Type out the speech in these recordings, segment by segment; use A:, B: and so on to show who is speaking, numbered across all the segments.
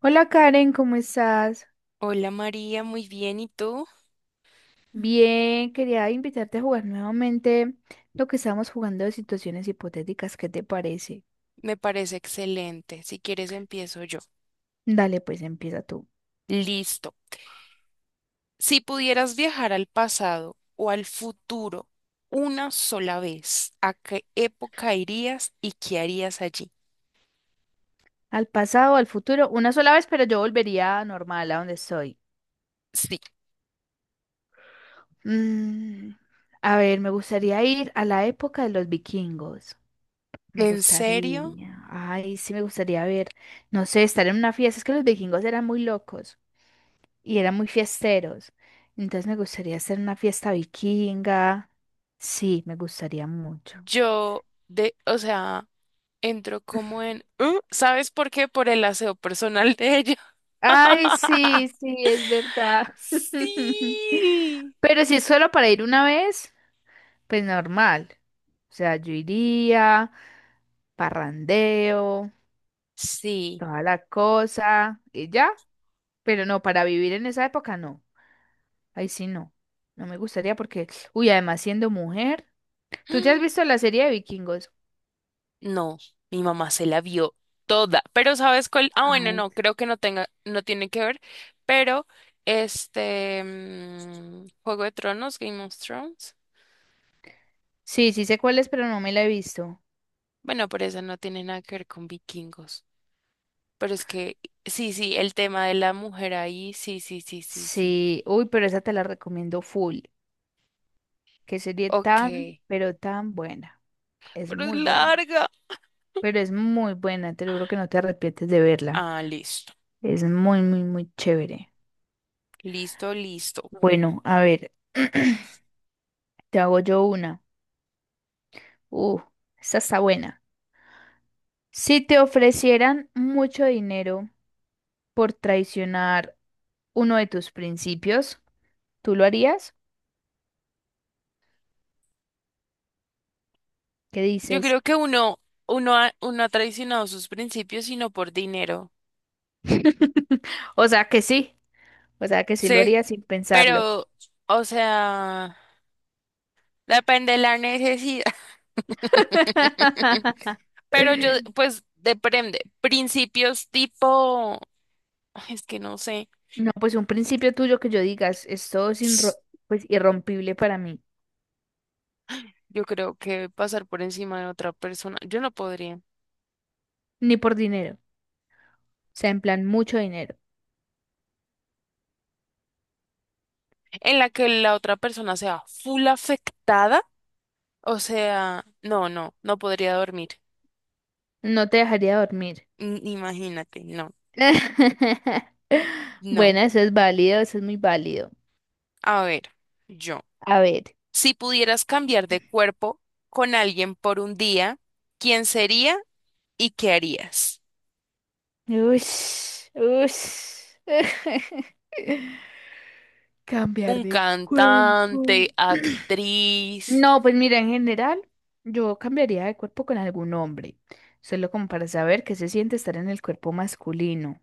A: Hola Karen, ¿cómo estás?
B: Hola María, muy bien. ¿Y tú?
A: Bien, quería invitarte a jugar nuevamente lo que estábamos jugando de situaciones hipotéticas, ¿qué te parece?
B: Me parece excelente. Si quieres, empiezo yo.
A: Dale, pues empieza tú.
B: Listo. Si pudieras viajar al pasado o al futuro una sola vez, ¿a qué época irías y qué harías allí?
A: Al pasado, al futuro, una sola vez, pero yo volvería normal a donde estoy.
B: Sí.
A: Mm, a ver, me gustaría ir a la época de los vikingos. Me
B: ¿En serio?
A: gustaría, ay, sí, me gustaría ver, no sé, estar en una fiesta, es que los vikingos eran muy locos. Y eran muy fiesteros. Entonces me gustaría hacer una fiesta vikinga. Sí, me gustaría mucho.
B: Yo, de, o sea, entro como en... ¿Mm? ¿Sabes por qué? Por el aseo personal de ella.
A: Ay, sí, sí, es verdad.
B: Sí.
A: Pero si es solo para ir una vez, pues normal. O sea, yo iría, parrandeo,
B: Sí.
A: toda la cosa y ya. Pero no, para vivir en esa época no. Ahí sí no. No me gustaría porque, uy, además siendo mujer, ¿tú te has visto la serie de vikingos?
B: No, mi mamá se la vio toda, pero ¿sabes cuál? Ah, bueno,
A: Ay.
B: no, creo que no tenga, no tiene que ver, pero este Juego de Tronos, Game of Thrones,
A: Sí, sí sé cuál es, pero no me la he visto.
B: bueno, pero eso no tiene nada que ver con vikingos, pero es que sí, sí, el tema de la mujer ahí, sí, sí, sí, sí, sí,
A: Sí, uy, pero esa te la recomiendo full. Que sería
B: ok,
A: tan, pero tan buena. Es
B: pero es
A: muy buena,
B: larga.
A: pero es muy buena, te lo juro que no te arrepientes de verla.
B: Ah, listo,
A: Es muy, muy, muy chévere.
B: listo, listo.
A: Bueno, a ver, te hago yo una. Uh, Esta está buena. Si te ofrecieran mucho dinero por traicionar uno de tus principios, ¿tú lo harías? ¿Qué
B: Yo
A: dices?
B: creo que uno, uno ha traicionado sus principios y no por dinero.
A: O sea que sí. O sea, que sí lo
B: Sí.
A: haría sin pensarlo.
B: Pero, o sea, depende de la necesidad. Pero yo, pues, depende. Principios tipo, ay, es que no sé.
A: No, pues un principio tuyo que yo digas, esto es pues, irrompible para mí,
B: Yo creo que pasar por encima de otra persona, yo no podría.
A: ni por dinero, o sea, en plan, mucho dinero.
B: En la que la otra persona sea full afectada, o sea, no podría dormir.
A: No te dejaría dormir.
B: N- Imagínate, no, no.
A: Bueno, eso es válido, eso es muy válido.
B: A ver, yo,
A: A ver.
B: si pudieras cambiar de cuerpo con alguien por un día, ¿quién sería? ¿Y qué harías?
A: Ush, ush. Cambiar
B: ¿Un
A: de cuerpo.
B: cantante, actriz?
A: No, pues mira, en general, yo cambiaría de cuerpo con algún hombre, solo como para saber qué se siente estar en el cuerpo masculino.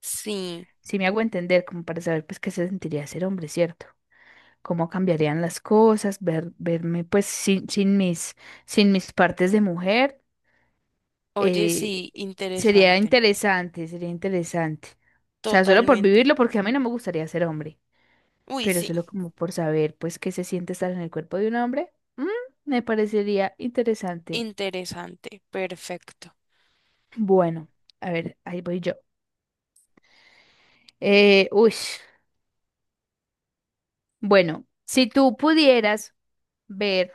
B: Sí.
A: Si me hago entender, como para saber pues qué se sentiría ser hombre, ¿cierto? Cómo cambiarían las cosas, verme pues sin mis partes de mujer,
B: Oye,
A: eh,
B: sí,
A: sería
B: interesante.
A: interesante, sería interesante. O sea, solo por
B: Totalmente.
A: vivirlo, porque a mí no me gustaría ser hombre,
B: Uy,
A: pero
B: sí,
A: solo como por saber pues qué se siente estar en el cuerpo de un hombre, me parecería interesante.
B: interesante. Perfecto.
A: Bueno, a ver, ahí voy yo. Uy, bueno, si tú pudieras ver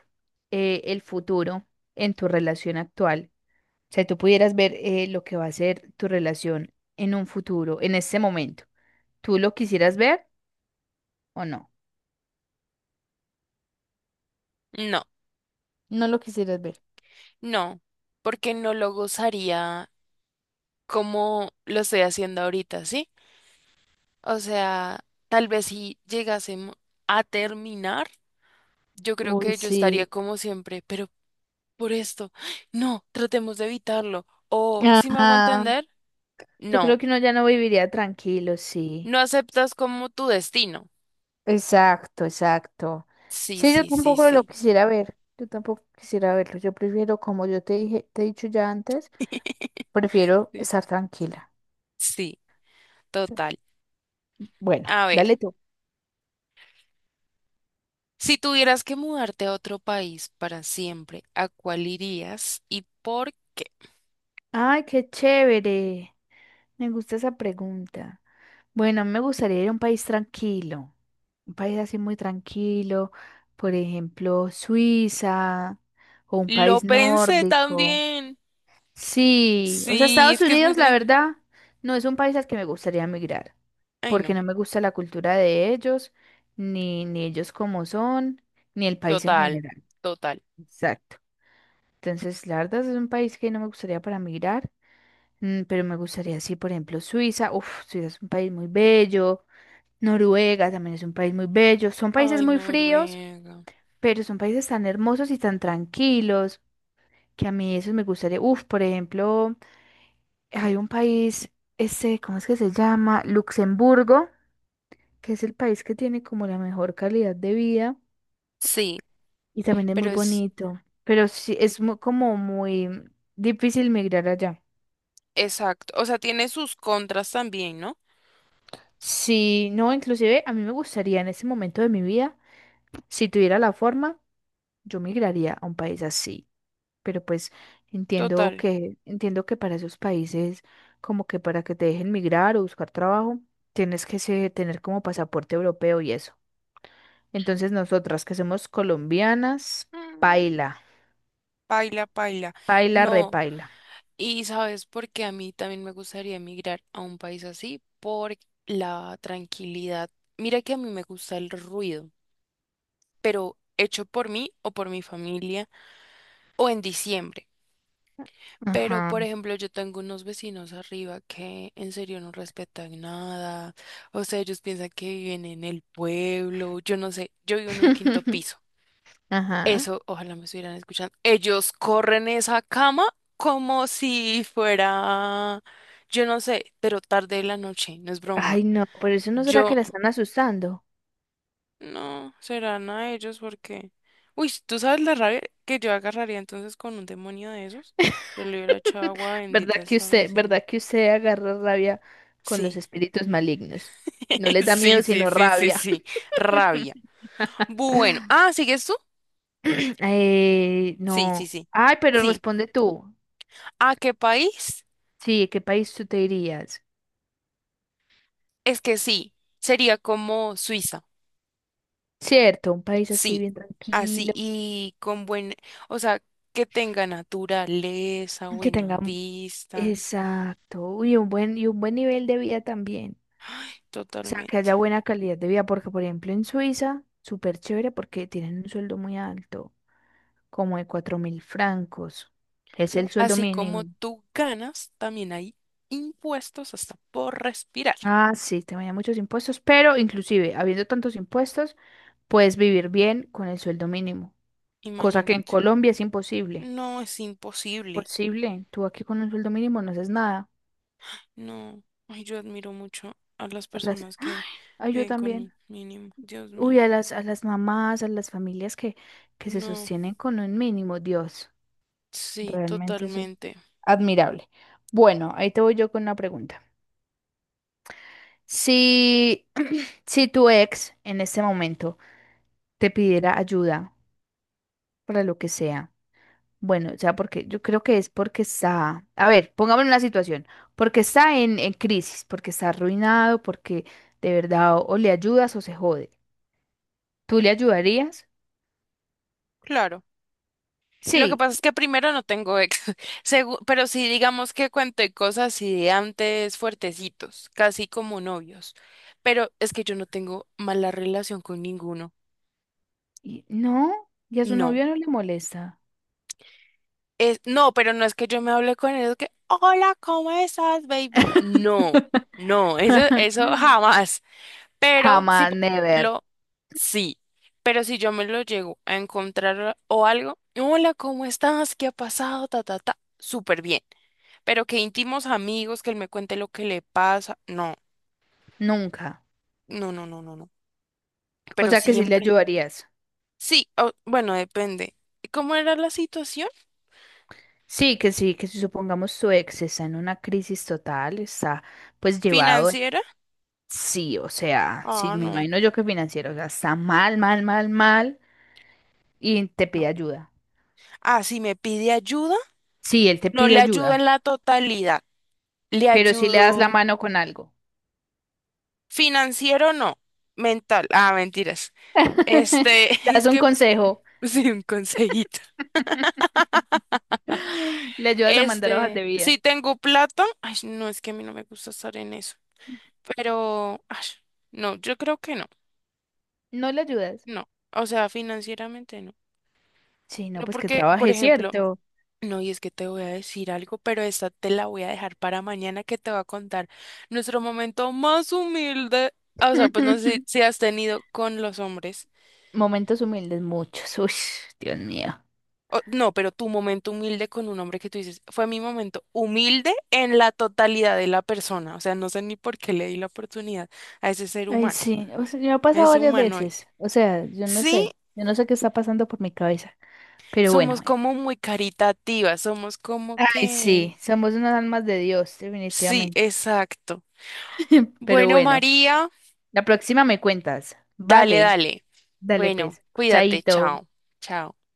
A: el futuro en tu relación actual, o sea, tú pudieras ver lo que va a ser tu relación en un futuro, en este momento, ¿tú lo quisieras ver o no?
B: No,
A: No lo quisieras ver.
B: no, porque no lo gozaría como lo estoy haciendo ahorita, ¿sí? O sea, tal vez si llegásemos a terminar, yo creo
A: Uy,
B: que yo estaría
A: sí.
B: como siempre, pero por esto, no, tratemos de evitarlo. ¿O, si me hago
A: Ajá.
B: entender?
A: Yo creo
B: No.
A: que uno ya no viviría tranquilo, sí.
B: No aceptas como tu destino.
A: Exacto, exacto.
B: Sí,
A: Sí, yo
B: sí, sí,
A: tampoco lo
B: sí.
A: quisiera ver. Yo tampoco quisiera verlo. Yo prefiero, como yo te dije, te he dicho ya antes, prefiero
B: Sí,
A: estar tranquila.
B: sí,
A: Sí.
B: total.
A: Bueno,
B: A ver,
A: dale tú.
B: si tuvieras que mudarte a otro país para siempre, ¿a cuál irías y por qué?
A: Ay, qué chévere. Me gusta esa pregunta. Bueno, a mí me gustaría ir a un país tranquilo, un país así muy tranquilo, por ejemplo, Suiza o un
B: Lo
A: país
B: pensé
A: nórdico.
B: también.
A: Sí, o sea,
B: Sí,
A: Estados
B: es que es muy
A: Unidos, la
B: tranquilo.
A: verdad, no es un país al que me gustaría emigrar,
B: Ay,
A: porque
B: no.
A: no me gusta la cultura de ellos, ni, ni ellos como son, ni el país en
B: Total,
A: general.
B: total.
A: Exacto. Entonces, la verdad es un país que no me gustaría para migrar, pero me gustaría, sí, por ejemplo, Suiza. Uf, Suiza es un país muy bello. Noruega también es un país muy bello. Son países
B: Ay,
A: muy
B: no,
A: fríos,
B: Noruega.
A: pero son países tan hermosos y tan tranquilos que a mí eso me gustaría. Uf, por ejemplo. Hay un país, ese, ¿cómo es que se llama? Luxemburgo, que es el país que tiene como la mejor calidad de vida
B: Sí,
A: y también es muy
B: pero es
A: bonito, pero sí es como muy difícil migrar allá.
B: exacto. O sea, tiene sus contras también, ¿no?
A: Sí, no, inclusive a mí me gustaría en ese momento de mi vida, si tuviera la forma, yo migraría a un país así, pero pues entiendo
B: Total.
A: que entiendo que para esos países como que para que te dejen migrar o buscar trabajo, tienes que tener como pasaporte europeo y eso. Entonces nosotras que somos colombianas,
B: Mm,
A: paila,
B: paila, paila.
A: paila,
B: No.
A: repaila.
B: ¿Y sabes por qué a mí también me gustaría emigrar a un país así? Por la tranquilidad. Mira que a mí me gusta el ruido, pero hecho por mí o por mi familia o en diciembre. Pero,
A: Ajá.
B: por ejemplo, yo tengo unos vecinos arriba que en serio no respetan nada. O sea, ellos piensan que viven en el pueblo. Yo no sé, yo vivo en un quinto piso.
A: Ajá.
B: Eso, ojalá me estuvieran escuchando. Ellos corren esa cama como si fuera, yo no sé, pero tarde de la noche, no es broma.
A: Ay, no, por eso no será
B: Yo,
A: que la están asustando.
B: no, serán a ellos porque... Uy, ¿tú sabes la rabia que yo agarraría entonces con un demonio de esos? Yo le hubiera echado agua bendita hasta decirme.
A: Verdad que usted agarra rabia con los
B: Sí,
A: espíritus malignos? No les da
B: sí,
A: miedo,
B: sí,
A: sino
B: sí, sí,
A: rabia.
B: sí, rabia. Bueno, ah, ¿sigues tú? Sí, sí,
A: No.
B: sí,
A: Ay, pero
B: sí.
A: responde tú.
B: ¿A qué país?
A: Sí, ¿qué país tú te irías?
B: Es que sí, sería como Suiza.
A: Cierto, un país así
B: Sí,
A: bien
B: así
A: tranquilo,
B: y con buen, o sea, que tenga naturaleza,
A: que
B: buena
A: tenga, un-
B: vista,
A: exacto, y un buen nivel de vida también. O sea, que
B: totalmente.
A: haya buena calidad de vida, porque por ejemplo en Suiza, súper chévere porque tienen un sueldo muy alto, como de 4.000 francos. Es el
B: ¿No?
A: sueldo
B: Así como
A: mínimo.
B: tú ganas, también hay impuestos hasta por respirar.
A: Ah, sí, te vayan muchos impuestos, pero inclusive habiendo tantos impuestos, puedes vivir bien con el sueldo mínimo, cosa que en
B: Imagínate.
A: Colombia es imposible.
B: No es imposible.
A: Posible, tú aquí con un sueldo mínimo no haces nada.
B: No. Ay, yo admiro mucho a las
A: A las-
B: personas
A: ¡Ay!
B: que
A: Ay, yo
B: viven con un
A: también.
B: mínimo. Dios mío.
A: Uy, a las mamás, a las familias que se
B: No.
A: sostienen con un mínimo, Dios.
B: Sí,
A: Realmente eso
B: totalmente.
A: admirable. Bueno, ahí te voy yo con una pregunta. Si, si tu ex en este momento te pidiera ayuda para lo que sea, bueno, o sea, porque yo creo que es porque está, a ver, pongámonos en la situación, porque está en crisis, porque está arruinado, porque de verdad o le ayudas o se jode. ¿Tú le ayudarías?
B: Claro. Lo que
A: Sí.
B: pasa es que primero no tengo ex, segu- pero sí digamos que cuento cosas así de antes fuertecitos, casi como novios. Pero es que yo no tengo mala relación con ninguno.
A: No, y a su
B: No.
A: novio no le molesta.
B: Es, no, pero no es que yo me hable con ellos que, hola, ¿cómo estás, baby? No, no, eso jamás. Pero si,
A: Jamás,
B: por
A: never,
B: ejemplo, sí, pero si yo me lo llego a encontrar o algo, hola, ¿cómo estás? ¿Qué ha pasado? Ta, ta, ta, súper bien. Pero que íntimos amigos, que él me cuente lo que le pasa,
A: nunca.
B: no.
A: O
B: Pero
A: sea que sí le
B: siempre.
A: ayudarías.
B: Sí, o- bueno, depende. ¿Cómo era la situación
A: Sí, que si supongamos su ex está en una crisis total, está pues llevado,
B: financiera?
A: sí, o sea, sí,
B: Ah,
A: me
B: no,
A: imagino yo que financiero, o sea, está mal, mal, mal, mal y te
B: no.
A: pide ayuda.
B: Ah, si me pide ayuda,
A: Sí, él te
B: no
A: pide
B: le ayudo
A: ayuda,
B: en la totalidad. Le
A: pero si le das la
B: ayudo
A: mano con algo,
B: financiero, no. Mental. Ah, mentiras. Este,
A: le das
B: es
A: un
B: que,
A: consejo,
B: sí, un consejito.
A: le ayudas a mandar hojas
B: Este,
A: de
B: si
A: vida,
B: tengo plata, ay, no, es que a mí no me gusta estar en eso. Pero, ay, no, yo creo que no,
A: no le ayudas.
B: no. O sea, financieramente no.
A: Sí, no,
B: No
A: pues que
B: porque, por
A: trabaje,
B: ejemplo,
A: ¿cierto?
B: no, y es que te voy a decir algo, pero esta te la voy a dejar para mañana que te va a contar nuestro momento más humilde. O sea, pues no sé si has tenido con los hombres.
A: Momentos humildes, muchos, uy, Dios mío.
B: O- no, pero tu momento humilde con un hombre que tú dices, fue mi momento humilde en la totalidad de la persona. O sea, no sé ni por qué le di la oportunidad a ese ser
A: Ay,
B: humano,
A: sí, o sea, me ha
B: a
A: pasado
B: ese
A: varias
B: humanoide.
A: veces, o sea,
B: Sí,
A: yo no sé qué está pasando por mi cabeza, pero bueno,
B: somos como muy caritativas, somos como
A: ay,
B: que...
A: sí, somos unas almas de Dios,
B: Sí,
A: definitivamente,
B: exacto.
A: pero
B: Bueno,
A: bueno,
B: María,
A: la próxima me cuentas,
B: dale,
A: vale,
B: dale.
A: dale
B: Bueno,
A: pues,
B: cuídate,
A: chaito.
B: chao, chao.